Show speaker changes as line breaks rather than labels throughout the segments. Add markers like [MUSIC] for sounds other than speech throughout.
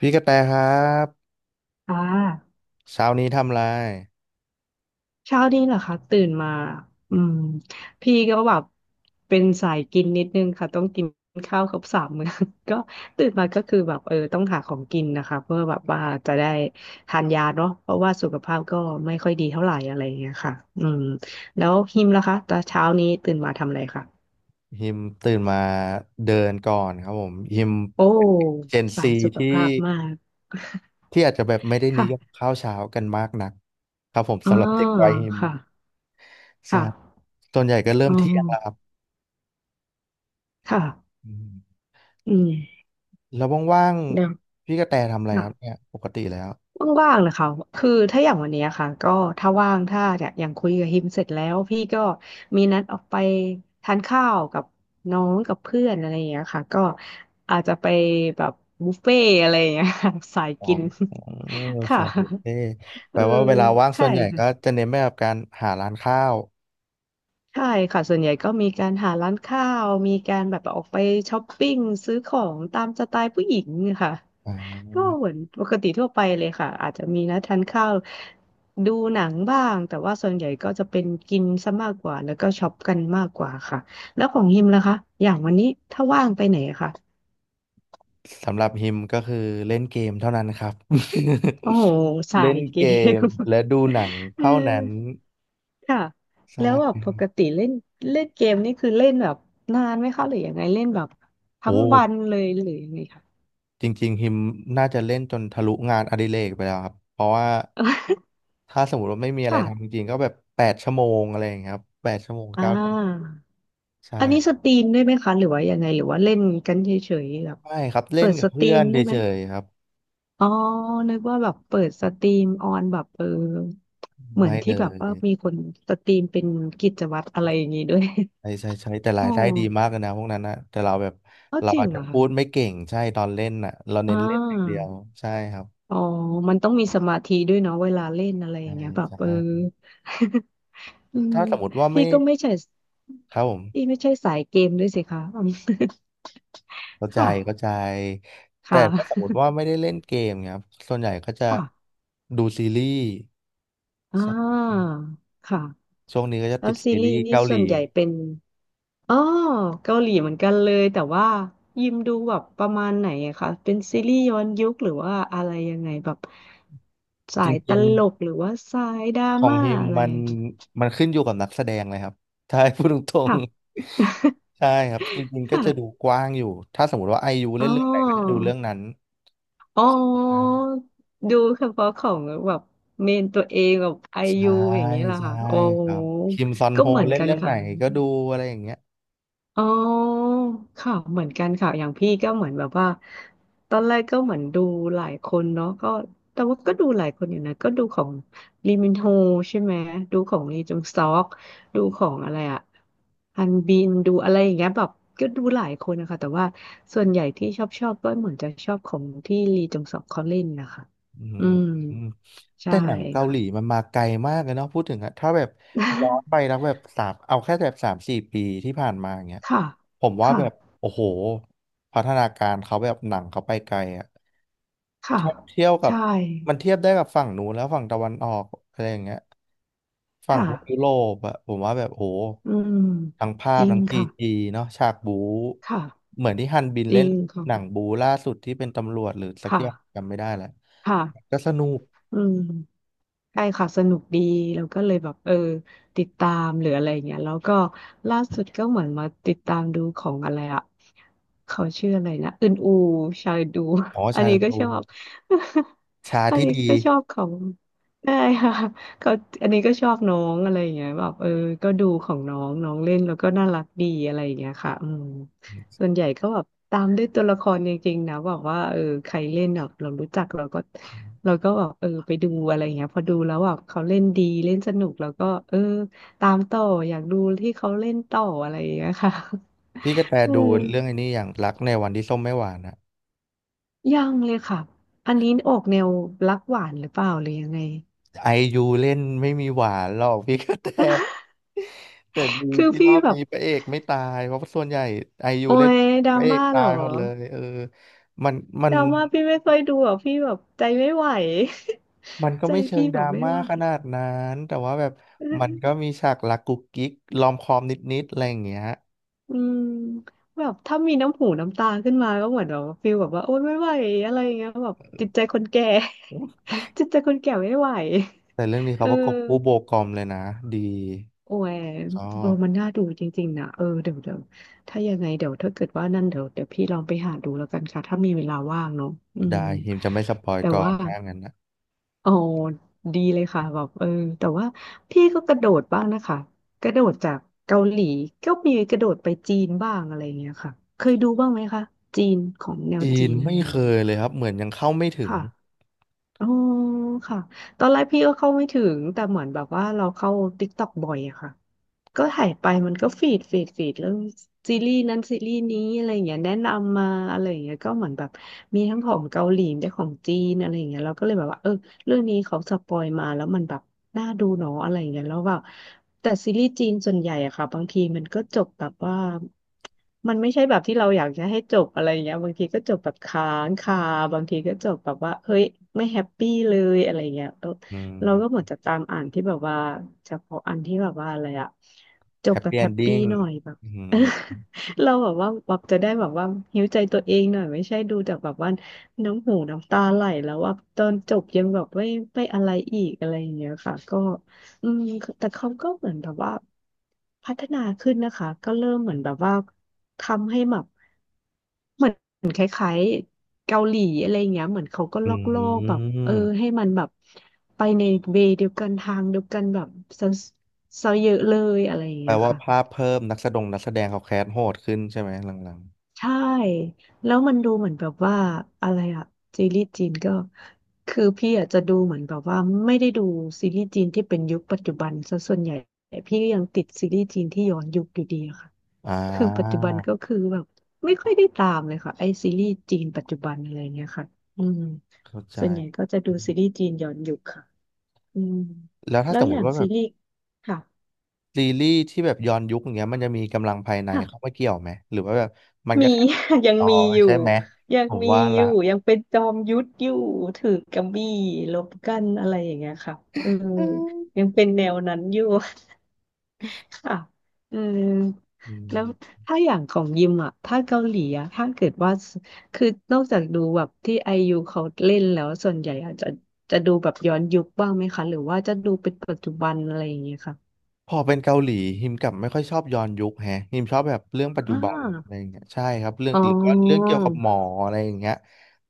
พี่กระแตครับ
อ่า
เช้านี้ทำอะไร
เช้านี้เหรอคะตื่นมาอืมพี่ก็แบบเป็นสายกินนิดนึงค่ะต้องกินข้าวครบสามมื้อ [LAUGHS] ก็ตื่นมาก็คือแบบเออต้องหาของกินนะคะเพื่อแบบว่าจะได้ทานยาเนาะเพราะว่าสุขภาพก็ไม่ค่อยดีเท่าไหร่อะไรอย่างเงี้ยค่ะอืมแล้วฮิมล่ะคะตอนเช้านี้ตื่นมาทำอะไรคะ
ฮิมตื่นมาเดินก่อนครับผมฮิม
โอ้
เจน
สา
ซี
ยสุข
ที่
ภาพมาก
ที่อาจจะแบบไม่ได้
[LAUGHS]
นิ
ค่ะ
ยมข้าวเช้ากันมากนักครับผม
อ๋อ
สำหรับเด็กวัยฮิม
ค่ะ
ใช่
ค่ะ
ส่วนใหญ่ก็เริ่
อ๋
มเที่ยงแล้วค
อ
รับ
ค่ะ
อืม
อืม
แล้วว่าง
เดี๋ยว
ๆพี่กระแตทำอะไรครับเนี่ยปกติแล้ว
ว่างๆนะคะคือถ้าอย่างวันเนี้ยค่ะก็ถ้าว่างถ้าเนี่ยอย่างคุยกับฮิมเสร็จแล้วพี่ก็มีนัดออกไปทานข้าวกับน้องกับเพื่อนอะไรอย่างเงี้ยค่ะก็อาจจะไปแบบบุฟเฟ่ต์อะไรอย่างเงี้ยค่ะ [LAUGHS] สาย
ขอ
กิ
ง
น
ขอ
[LAUGHS]
ง
ค่ะ
สายบุฟเฟ่ต์แป
เอ
ล
อ
ว่าเวลาว่างส่
ใช่
วนใหญ่
ค่ะ
ก็จะเน้นไปกับการหาร้านข้าว
ใช่ค่ะส่วนใหญ่ก็มีการหาร้านข้าวมีการแบบออกไปช้อปปิ้งซื้อของตามสไตล์ผู้หญิงค่ะ
อ่
ก็เห
า
มือนปกติทั่วไปเลยค่ะอาจจะมีนะทานข้าวดูหนังบ้างแต่ว่าส่วนใหญ่ก็จะเป็นกินซะมากกว่าแล้วก็ช็อปกันมากกว่าค่ะแล้วของฮิมล่ะคะอย่างวันนี้ถ้าว่างไปไหนอะคะ
สำหรับฮิมก็คือเล่นเกมเท่านั้นครับ
โอ้โห
[LAUGHS]
สา
เล่
ย
น
เก
เกม
ม
และดูหนัง
[LAUGHS] เออ
เท่านั้น
ค่ะแล้วแบบ
ใช่
ปกติเล่นเล่นเกมนี่คือเล่นแบบนานไหมคะหรือยังไงเล่นแบบ
โอ้
ทั้งวันเลยหรือยังไงคะ
จริงๆฮิมน่าจะเล่นจนทะลุงานอดิเรกไปแล้วครับเพราะว่าถ้าสมมติว่าไม่มี
[LAUGHS]
อะไรทำจ
ค่ะ
ริงๆก็แบบแปดชั่วโมงอะไรอย่างเงี้ยครับแปดชั่วโมง
อ่า
เก้าชั่วโมงใช่
อันนี้สตรีมได้ไหมคะหรือว่ายังไงหรือว่าเล่นกันเฉยๆแบบ
ไม่ครับเล่
เปิ
น
ดส
กับ
ตรี
เพื่อ
ม
น
ได้ไหม
เฉยๆครับ
อ๋อนึกว่าแบบเปิดสตรีมออนแบบเหมือน
ไม่
ที่
เล
แบบว่า
ย
มีคนสตรีมเป็นกิจวัตรอะไรอย่างนี้ด้วย
ใช่ใช่ใช่แต่
[LAUGHS]
รา
อ๋อ
ยได้ดีมากเลยนะพวกนั้นนะแต่เราแบบ
เอา
เรา
จริง
อาจ
เห
จะ
รอ
พู
คะ
ดไม่เก่งใช่ตอนเล่นน่ะเรา
อ่
เน้นเล่นอย่างเดี
า
ยวใช่ครับ
อ๋อมันต้องมีสมาธิด้วยเนาะเวลาเล่นอะไรอ
ใช่
ย่างเงี้ยแบบ
ใช่
[LAUGHS] อืม
ถ้าสมมติว่า
พี่
ไม่
ก็ไม่ใช่
ครับผม
พี่ไม่ใช่สายเกมด้วยสิคะอืม [LAUGHS]
เข้าใจ
ค่ะ
เข้าใจแต่
ค่ะ
ถ้าสมมติ
[LAUGHS]
ว่าไม่ได้เล่นเกมเนี่ยครับส่วนใหญ่ก็จะ
ค่ะ
ดูซีรีส์
อ่
ใช่
าค่ะ
ช่วงนี้ก็จะ
แล้
ติ
ว
ด
ซี
ซี
รี
รี
ส์
ส์
นี่
เกาห
ส่
ลี
วนใหญ่เป็นอ๋อเกาหลีเหมือนกันเลยแต่ว่ายิมดูแบบประมาณไหนอะคะเป็นซีรีส์ย้อนยุคหรือว่าอะไรยังไงแบบ
จ
สายต
ริง
ลกหรือว่าสายดรา
ๆของ
ม่า
ฮิม
อะไร
มัน
อะ
มันขึ้นอยู่กับนักแสดงเลยครับถ้าให้พูดตรง
ค่ะ
ๆ
[LAUGHS]
[LAUGHS] ใช่ครับจริงๆก็
ค่ะ
จะ
[LAUGHS]
ดูกว้างอยู่ถ้าสมมติว่าไอยู
อ๋
เล่
อ
นเรื่องไหนก็จะดูเรื่องนั้น
อ๋อ
ใช่
ดูเฉพาะของแบบเมนตัวเองแบบไอ
ใช่
ยูอย่างนี้แหละ
ใช่
ค่ะโอ้
ครับคิมซอน
ก็
โฮ
เหมือน
เล่น
กัน
เรื่องไหน
ค่ะ
ก็ดูอะไรอย่างเงี้ย
อ๋อค่ะเหมือนกันค่ะ อย่างพี่ก็เหมือนแบบว่า ตอนแรกก็เหมือนดูหลายคนเนาะก็แต่ว่าก็ดูหลายคนอยู่นะก็ดูของลีมินโฮใช่ไหมดูของลีจงซอกดูของอะไรอะฮันบินดูอะไรอย่างเงี้ยแบบก็ดูหลายคนนะคะแต่ว่าส่วนใหญ่ที่ชอบก็เหมือนจะชอบของที่ลีจงซอกเขาเล่นนะคะ
อื
อืม
ม
ใช่
แต่หนังเกาห
ค่ะ
ลีมันมาไกลมากเลยเนาะพูดถึงอะถ้าแบบย้อนไปแล้
[LAUGHS]
วแบบสามเอาแค่แบบสามสี่ปีที่ผ่านมาอย่างเงี้ย
ค่ะ
ผมว่า
ค่ะ
แบบโอ้โหพัฒนาการเขาแบบหนังเขาไปไกลอะ
ค่ะ
เทียบกับ
ใช่
มันเทียบได้กับฝั่งนู้นแล้วฝั่งตะวันออกอะไรอย่างเงี้ยฝั่ง
ค่ะ
พวกยุโรปอะผมว่าแบบโห
อืม
ทั้งภา
จ
พ
ริง
ทั้งซี
ค่ะ
จีเนาะฉากบู๊
ค่ะ
เหมือนที่ฮันบิน
จ
เล่
ริ
น
งค่ะ
หนังบู๊ล่าสุดที่เป็นตำรวจหรือสั
ค
กอย่าง
่ะ
จำไม่ได้แล้ว
ค่ะ
ก็สนุก
อืมใช่ค่ะสนุกดีแล้วก็เลยแบบติดตามหรืออะไรอย่างเงี้ยแล้วก็ล่าสุดก็เหมือนมาติดตามดูของอะไรอะเขาชื่ออะไรนะอึนอูชายดู
อ๋อ
[LAUGHS] อัน
ชา
นี้ก็
ดู
ชอบ
ชา
[LAUGHS] อัน
ที่
นี้
ดี
ก็ชอบของได้ค่ะเขาอันนี้ก็ชอบน้องอะไรอย่างเงี้ยแบบก็ดูของน้องน้องเล่นแล้วก็น่ารักดีอะไรอย่างเงี้ยค่ะอืม ส่วนใหญ่ก็แบบตามด้วยตัวละครจริงๆนะบอกว่าใครเล่นแบบเรารู้จักเราก็แบบไปดูอะไรอย่างเงี้ยพอดูแล้วแบบเขาเล่นดีเล่นสนุกแล้วก็ตามต่ออยากดูที่เขาเล่นต่ออะไรอย่างเงี้ยค่ะ
พี่กระแต
[LAUGHS] เออ
ดูเรื่องไอ้นี้อย่างรักในวันที่ส้มไม่หวานอะ
ยังเลยค่ะอันนี้ออกแนวรักหวานหรือเปล่าหรือยังไง
ไอยูเล่นไม่มีหวานหรอกพี่กระแต
[LAUGHS]
แต่ดี
คือ
ที่ร
พี่
อบ
แบบ
นี้พระเอกไม่ตายเพราะส่วนใหญ่ไอยู
โอ้
เล่น
ยดรา
พระเอก
ม่า
ตา
เหรอ
ยหมดเลยเออมันมัน
ดราม่าพี่ไม่ค่อยดูอ่ะพี่แบบใจไม่ไหว
มันก็
[LAUGHS] ใจ
ไม่เชิ
พี่
งด
แบ
รา
บไม่
ม่า
ไหว
ขนาดนั้นแต่ว่าแบบมันก็มีฉากรักกุ๊กกิ๊กลอมคอมนิดๆอะไรอย่างเงี้ย
อืมแบบถ้ามีน้ำหูน้ำตาขึ้นมาก็เหมือนแบบฟิลแบบว่าโอ๊ยไม่ไหวอะไรอย่างเงี้ยแบบจิตใจคนแก่ [LAUGHS] จิตใจคนแก่ไม่ไหว
แต่เรื่องนี้
เอ
เขาประกบคู่โบ
อ
กอมเลยนะดี
โอ้ย
ชอบ
มันน่าดูจริงๆนะเดี๋ยวถ้ายังไงเดี๋ยวถ้าเกิดว่านั่นเดี๋ยวพี่ลองไปหาดูแล้วกันค่ะถ้ามีเวลาว่างเนาะอืม
ได้ฮิมจะไม่สปอย
แต่
ก่อน
ว่า
ถ้างั้นนะ
โอ้ดีเลยค่ะแบบแต่ว่าพี่ก็กระโดดบ้างนะคะกระโดดจากเกาหลีก็มีกระโดดไปจีนบ้างอะไรเงี้ยค่ะเคยดูบ้างไหมคะจีนของแนว
จี
จี
น
นอะไร
ไม่เค
เงี้ย
ยเลยครับเหมือนยังเข้าไม่ถึง
ค่ะ อ๋อค่ะตอนแรกพี่ก็เข้าไม่ถึงแต่เหมือนแบบว่าเราเข้า TikTok บ่อยอะค่ะก็ถ่ายไปมันก็ฟีดเรื่องซีรีส์นั้นซีรีส์นี้อะไรอย่างเงี้ยแนะนำมาอะไรอย่างเงี้ยก็เหมือนแบบมีทั้งของเกาหลีได้ของจีนอะไรอย่างเงี้ยเราก็เลยแบบว่าเออเรื่องนี้เขาสปอยมาแล้วมันแบบน่าดูเนาะอะไรอย่างเงี้ยแล้วแบบแต่ซีรีส์จีนส่วนใหญ่อะค่ะบางทีมันก็จบแบบว่า มันไม่ใช่แบบที่เราอยากจะให้จบอะไรอย่างเงี้ยบางทีก็จบแบบค้างคาบางทีก็จบแบบว่าเฮ้ยไม่แฮปปี้เลยอะไรเงี้ยเออ
อื
เราก็เหมื
ม
อนจะตามอ่านที่แบบว่าเฉพาะอันที่แบบว่าอะไรอะจ
แฮ
บ
ป
แบบ
ปี้เอ
แฮ
น
ป
ดิ้
ปี้
ง
หน่อยแบบ
อืม
[LAUGHS] เราแบบว่าแบบจะได้แบบว่าหิวใจตัวเองหน่อยไม่ใช่ดูจากแบบว่าน้ำหูน้ำตาไหลแล้วว่าตอนจบยังแบบไม่อะไรอีกอะไรอย่างเงี้ยค่ะก็ อืมแต่เขาก็เหมือนแบบว่าพัฒนาขึ้นนะคะก็เริ่มเหมือนแบบว่าทำให้แบบเหมือนเกาหลีอะไรเงี้ยเหมือนเขาก็
อื
ลอกโลกแบบเออ
ม
ให้มันแบบไปในเวย์เดียวกันทางเดียวกันแบบซะซะเยอะเลยอะไรอย่าง
แปล
เงี้ย
ว่า
ค่ะ
ภาพเพิ่มนักแสดงเขาแคสโหดขึ้นใช่ไหมหลัง
ใช่แล้วมันดูเหมือนแบบว่าอะไรอะซีรีส์จีนก็คือพี่อาจจะดูเหมือนแบบว่าไม่ได้ดูซีรีส์จีนที่เป็นยุคปัจจุบันซะส่วนใหญ่พี่ก็ยังติดซีรีส์จีนที่ย้อนยุคอยู่ดีอะค่ะ
ๆอ่
คือปัจจุ
า
บันก็คือแบบไม่ค่อยได้ตามเลยค่ะไอซีรีส์จีนปัจจุบันอะไรเงี้ยค่ะอืม
เข้าใจ
ส่วนใหญ่ก็จะดูซีรีส์จีนย้อนยุคค่ะอืม
แล้วถ้า
แล้
ส
ว
มม
อย่า
ติ
ง
ว่าแบ
ซี
บ
รีส์ค่ะ
ซีรีส์ที่แบบย้อนยุคอย่างเงี้ยมันจะมีกำลังภายในเข้า
ค่ะ
มาเกี่ยวไหมหรือว่าแบบมันก็
มี
แค่แบบ
[LAUGHS] ยัง
อ๋อ
มีอยู่
ใช่ไหม
ยัง
ผม
มี
ว่า
อ
ละ
ยู่ยังเป็นจอมยุทธอยู่ถือกำบี่รบกันอะไรอย่างเงี้ยค่ะเออยังเป็นแนวนั้นอยู่ ค่ะเออ
อื
แล้ว
ม
ถ้าอย่างของยิมอ่ะ ถ้าเกาหลีอ่ะ ถ้าเกิดว่าสคือนอกจากดูแบบที่ไอยูเขาเล่นแล้วส่วนใหญ่อาจจะจะดูแบบย้อนยุคบ้างไหมคะ หรือว่าจะดูเป็นปัจจุบันอะไรอย่างเงี้ยค่ะ
พอเป็นเกาหลีฮิมกลับไม่ค่อยชอบย้อนยุคแฮะฮิมชอบแบบเรื่องปัจ
อ่
จุบันอะไร
า
อย่างเงี้ยใช่ครับเรื่อง
อ๋
หรือว่าเรื่อง
อ
เกี่ยวกับหมออะไรอย่างเงี้ย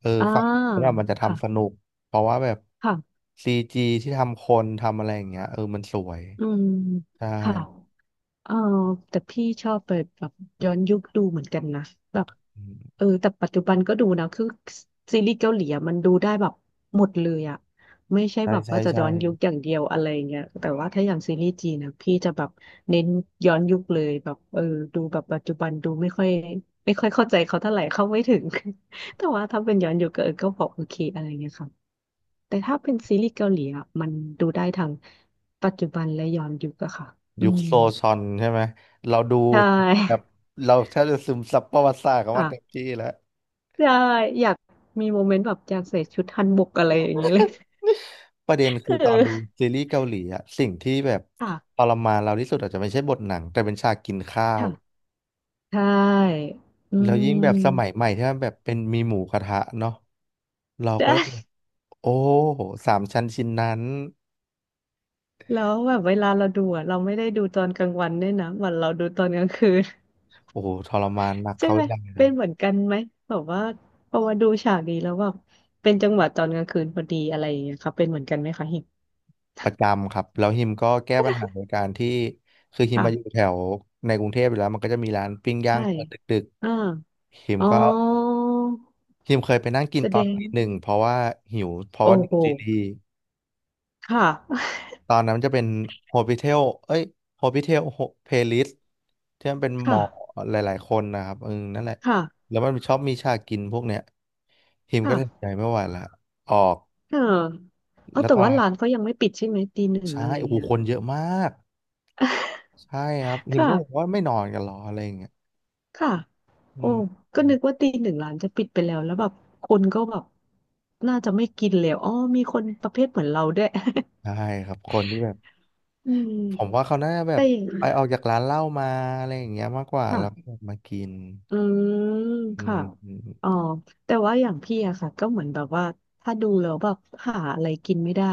เออ
อ่า
ฟังแล้วแบบมันจะ
ค่ะ
ทำสนุกเพราะว่าแบบ
ค่ะ
ซีจีที่ทำคนทำอะไรอย่างเงี้ยเออมันสวย
อืม
ใช่
ค่ะ เออแต่พี่ชอบไปแบบย้อนยุคดูเหมือนกันนะแบบ
อืม
เออแต่ปัจจุบันก็ดูนะคือซีรีส์เกาหลีอะมันดูได้แบบหมดเลยอะไม่ใช่
ใช่
แบบ
ใช่
ว่าจะย้อ
ใช่
นยุคอย่างเดียวอะไรเงี้ยแต่ว่าถ้าอย่างซีรีส์จีนนะพี่จะแบบเน้นย้อนยุคเลยแบบเออดูแบบปัจจุบันดูไม่ค่อยเข้าใจเขาเท่าไหร่เข้าไม่ถึง [LAUGHS] แต่ว่าถ้าเป็นย้อนยุคก็เออก็พอโอเคอะไรเงี้ยค่ะแต่ถ้าเป็นซีรีส์เกาหลีอะมันดูได้ทั้งปัจจุบันและย้อนยุคอะค่ะอื
ยุค
ม
โซชอนใช่ไหมเราดู
ใช่
แบบ
[LAUGHS]
เราแทบจะซึมซับประวัติศาสตร์เขามาเต็ม
ค่ะ
ที่แล้ว
ใช่อยากมีโมเมนต์แบบอยากใส่ชุดฮันบกอะไรอย่างนี้เลย
ประเด็น
[LAUGHS]
คือตอน
เออ
ดูซีรีส์เกาหลีอะสิ่งที่แบบ
ค่ะ
ทรมานเราที่สุดอาจจะไม่ใช่บทหนังแต่เป็นฉากกินข้าว
ค่ะใช่อื
แล้วยิ่งแบบสมัย
ม
ใหม่ที่มันแบบเป็นมีหมูกระทะเนาะเราก็
ใช่
โอ้โหสามชั้นชิ้นนั้น
แล้วแบบเวลาเราดูอะเราไม่ได้ดูตอนกลางวันด้วยนะเหมือนเราดูตอนกลางคืน [LAUGHS]
โอ้โหทรมานหนัก
ใช่
เขา
ไหม
อย่างเล
เป็
ย
นเหมือนกันไหมแบบว่าพอมาดูฉากนี้แล้วแบบเป็นจังหวะตอนกลางคืนพอดีอะไรอย่างเงี้ยค่ะเป็นเหมือนกันไหมคะเห็น
ประจำครับแล้วฮิมก็แก้ปัญหาโดยการที่คือฮิม
ค่ะ
มาอยู่แถวในกรุงเทพอยู่แล้วมันก็จะมีร้านปิ้งย่าง
ใช่
เปิดดึก
อ่า
ๆฮิม
อ๋อ
ก็ฮิมเคยไปนั่งกิน
แส
ตอ
ด
น
ง
ตีหนึ่งเพราะว่าหิวเพราะ
โอ้
ว่าดู
โห
ซีรีส์
ค่ะ
ตอนนั้นมันจะเป็นโฮ p ิเทลเอ้ยโฮ p ิเทลเพลิสที่มันเป็น
[LAUGHS]
หม
ค่ะ
อหลายๆคนนะครับเออนั่นแหละ
ค่ะ
แล้วมันชอบมีฉากกินพวกเนี้ยทีมก็ตัดสินใจ
ค่ะ
ไม่ไหวละออก
เออเออ
แล้ว
แต่
ตอน
ว่า
นั้น
ร้านเขายังไม่ปิดใช่ไหม ตีหนึ่ง
ใช่
อะไร
โอ้โห
เงี้ย
คนเยอะมาก
[LAUGHS]
ใช่ครับทีม
ค่ะ
ก็บอกว่าไม่นอนกันหรออะไรอย่างเงี้ย
ค่ะ
อื
โอ้
ม
ก็นึกว่าตีหนึ่งร้านจะปิดไปแล้ว แล้วแบบ คนก็แบบ น่าจะไม่กินแล้วอ๋อมีคนประเภทเหมือนเราด้วย
ใช่ครับคนที่แบบ
[LAUGHS] อื
ผม
ม
ว่าเขาน่าจะแบบ
แต่อย่าง
ไปออกจากร้านเหล้ามาอะไรอย่างเงี้ยมากกว่า
ค่ะ
แล้วมากิน
อืม
อื
ค่ะอ๋อ
ม
แต่ว่าอย่างพี่อะค่ะก็เหมือนแบบว่าถ้าดูแล้วแบบหาอะไรกินไม่ได้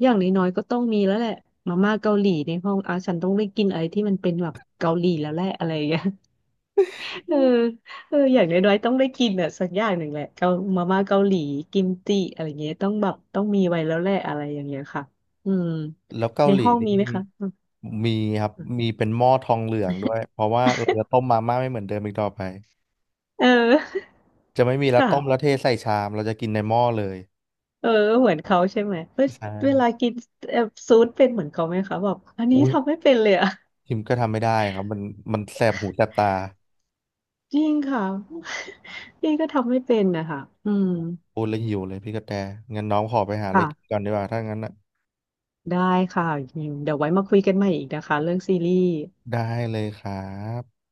อย่างน้อยๆก็ต้องมีแล้วแหละมาม่าเกาหลีในห้องอ่ะฉันต้องได้กินอะไรที่มันเป็นแบบเกาหลีแล้วแหละอะไรอย่างเงี้ย [LAUGHS] เออเอออย่างน้อยๆต้องได้กินอะสักอย่างหนึ่งแหละเกามาม่าเกาหลีกิมจิอะไรเงี้ยต้องแบบต้องมีไว้แล้วแหละอะไรอย่างเงี้ยค่ะอืม
แล้วเกา
ใน
หลี
ห้องมีไหม
นี่
คะอืม
มีครับมีเป็นหม้อทองเหลืองด้วยเพราะว่าเราจะต้มมาม่าไม่เหมือนเดิมอีกต่อไป
เออ
จะไม่มี
[LAUGHS]
แล้ว
ค่ะ
ต้มแล้วเทใส่ชามเราจะกินในหม้อเลย
เออเหมือนเขาใช่ไหมเอ้ย
ใช่
เวลากินเอ่อซูสเป็นเหมือนเขาไหมคะแบบอันนี้
อุ้ย
ทำไม่เป็นเลยอะ [LAUGHS]
พิมก็ทำไม่ได้ครับมันแสบหูแสบตา
จริงค่ะ [LAUGHS] นี่ก็ทำไม่เป็นนะคะอืม
พูดแล้วหิวเลยพี่กระแตงั้นน้องขอไปหาอะไรกิน
ค่ะ
ก่อนดีกว่าถ้างั้นน่ะ
ได้ค่ะเดี๋ยวไว้มาคุยกันใหม่อีกนะคะเรื่องซีรีส์
ได้เลยครับ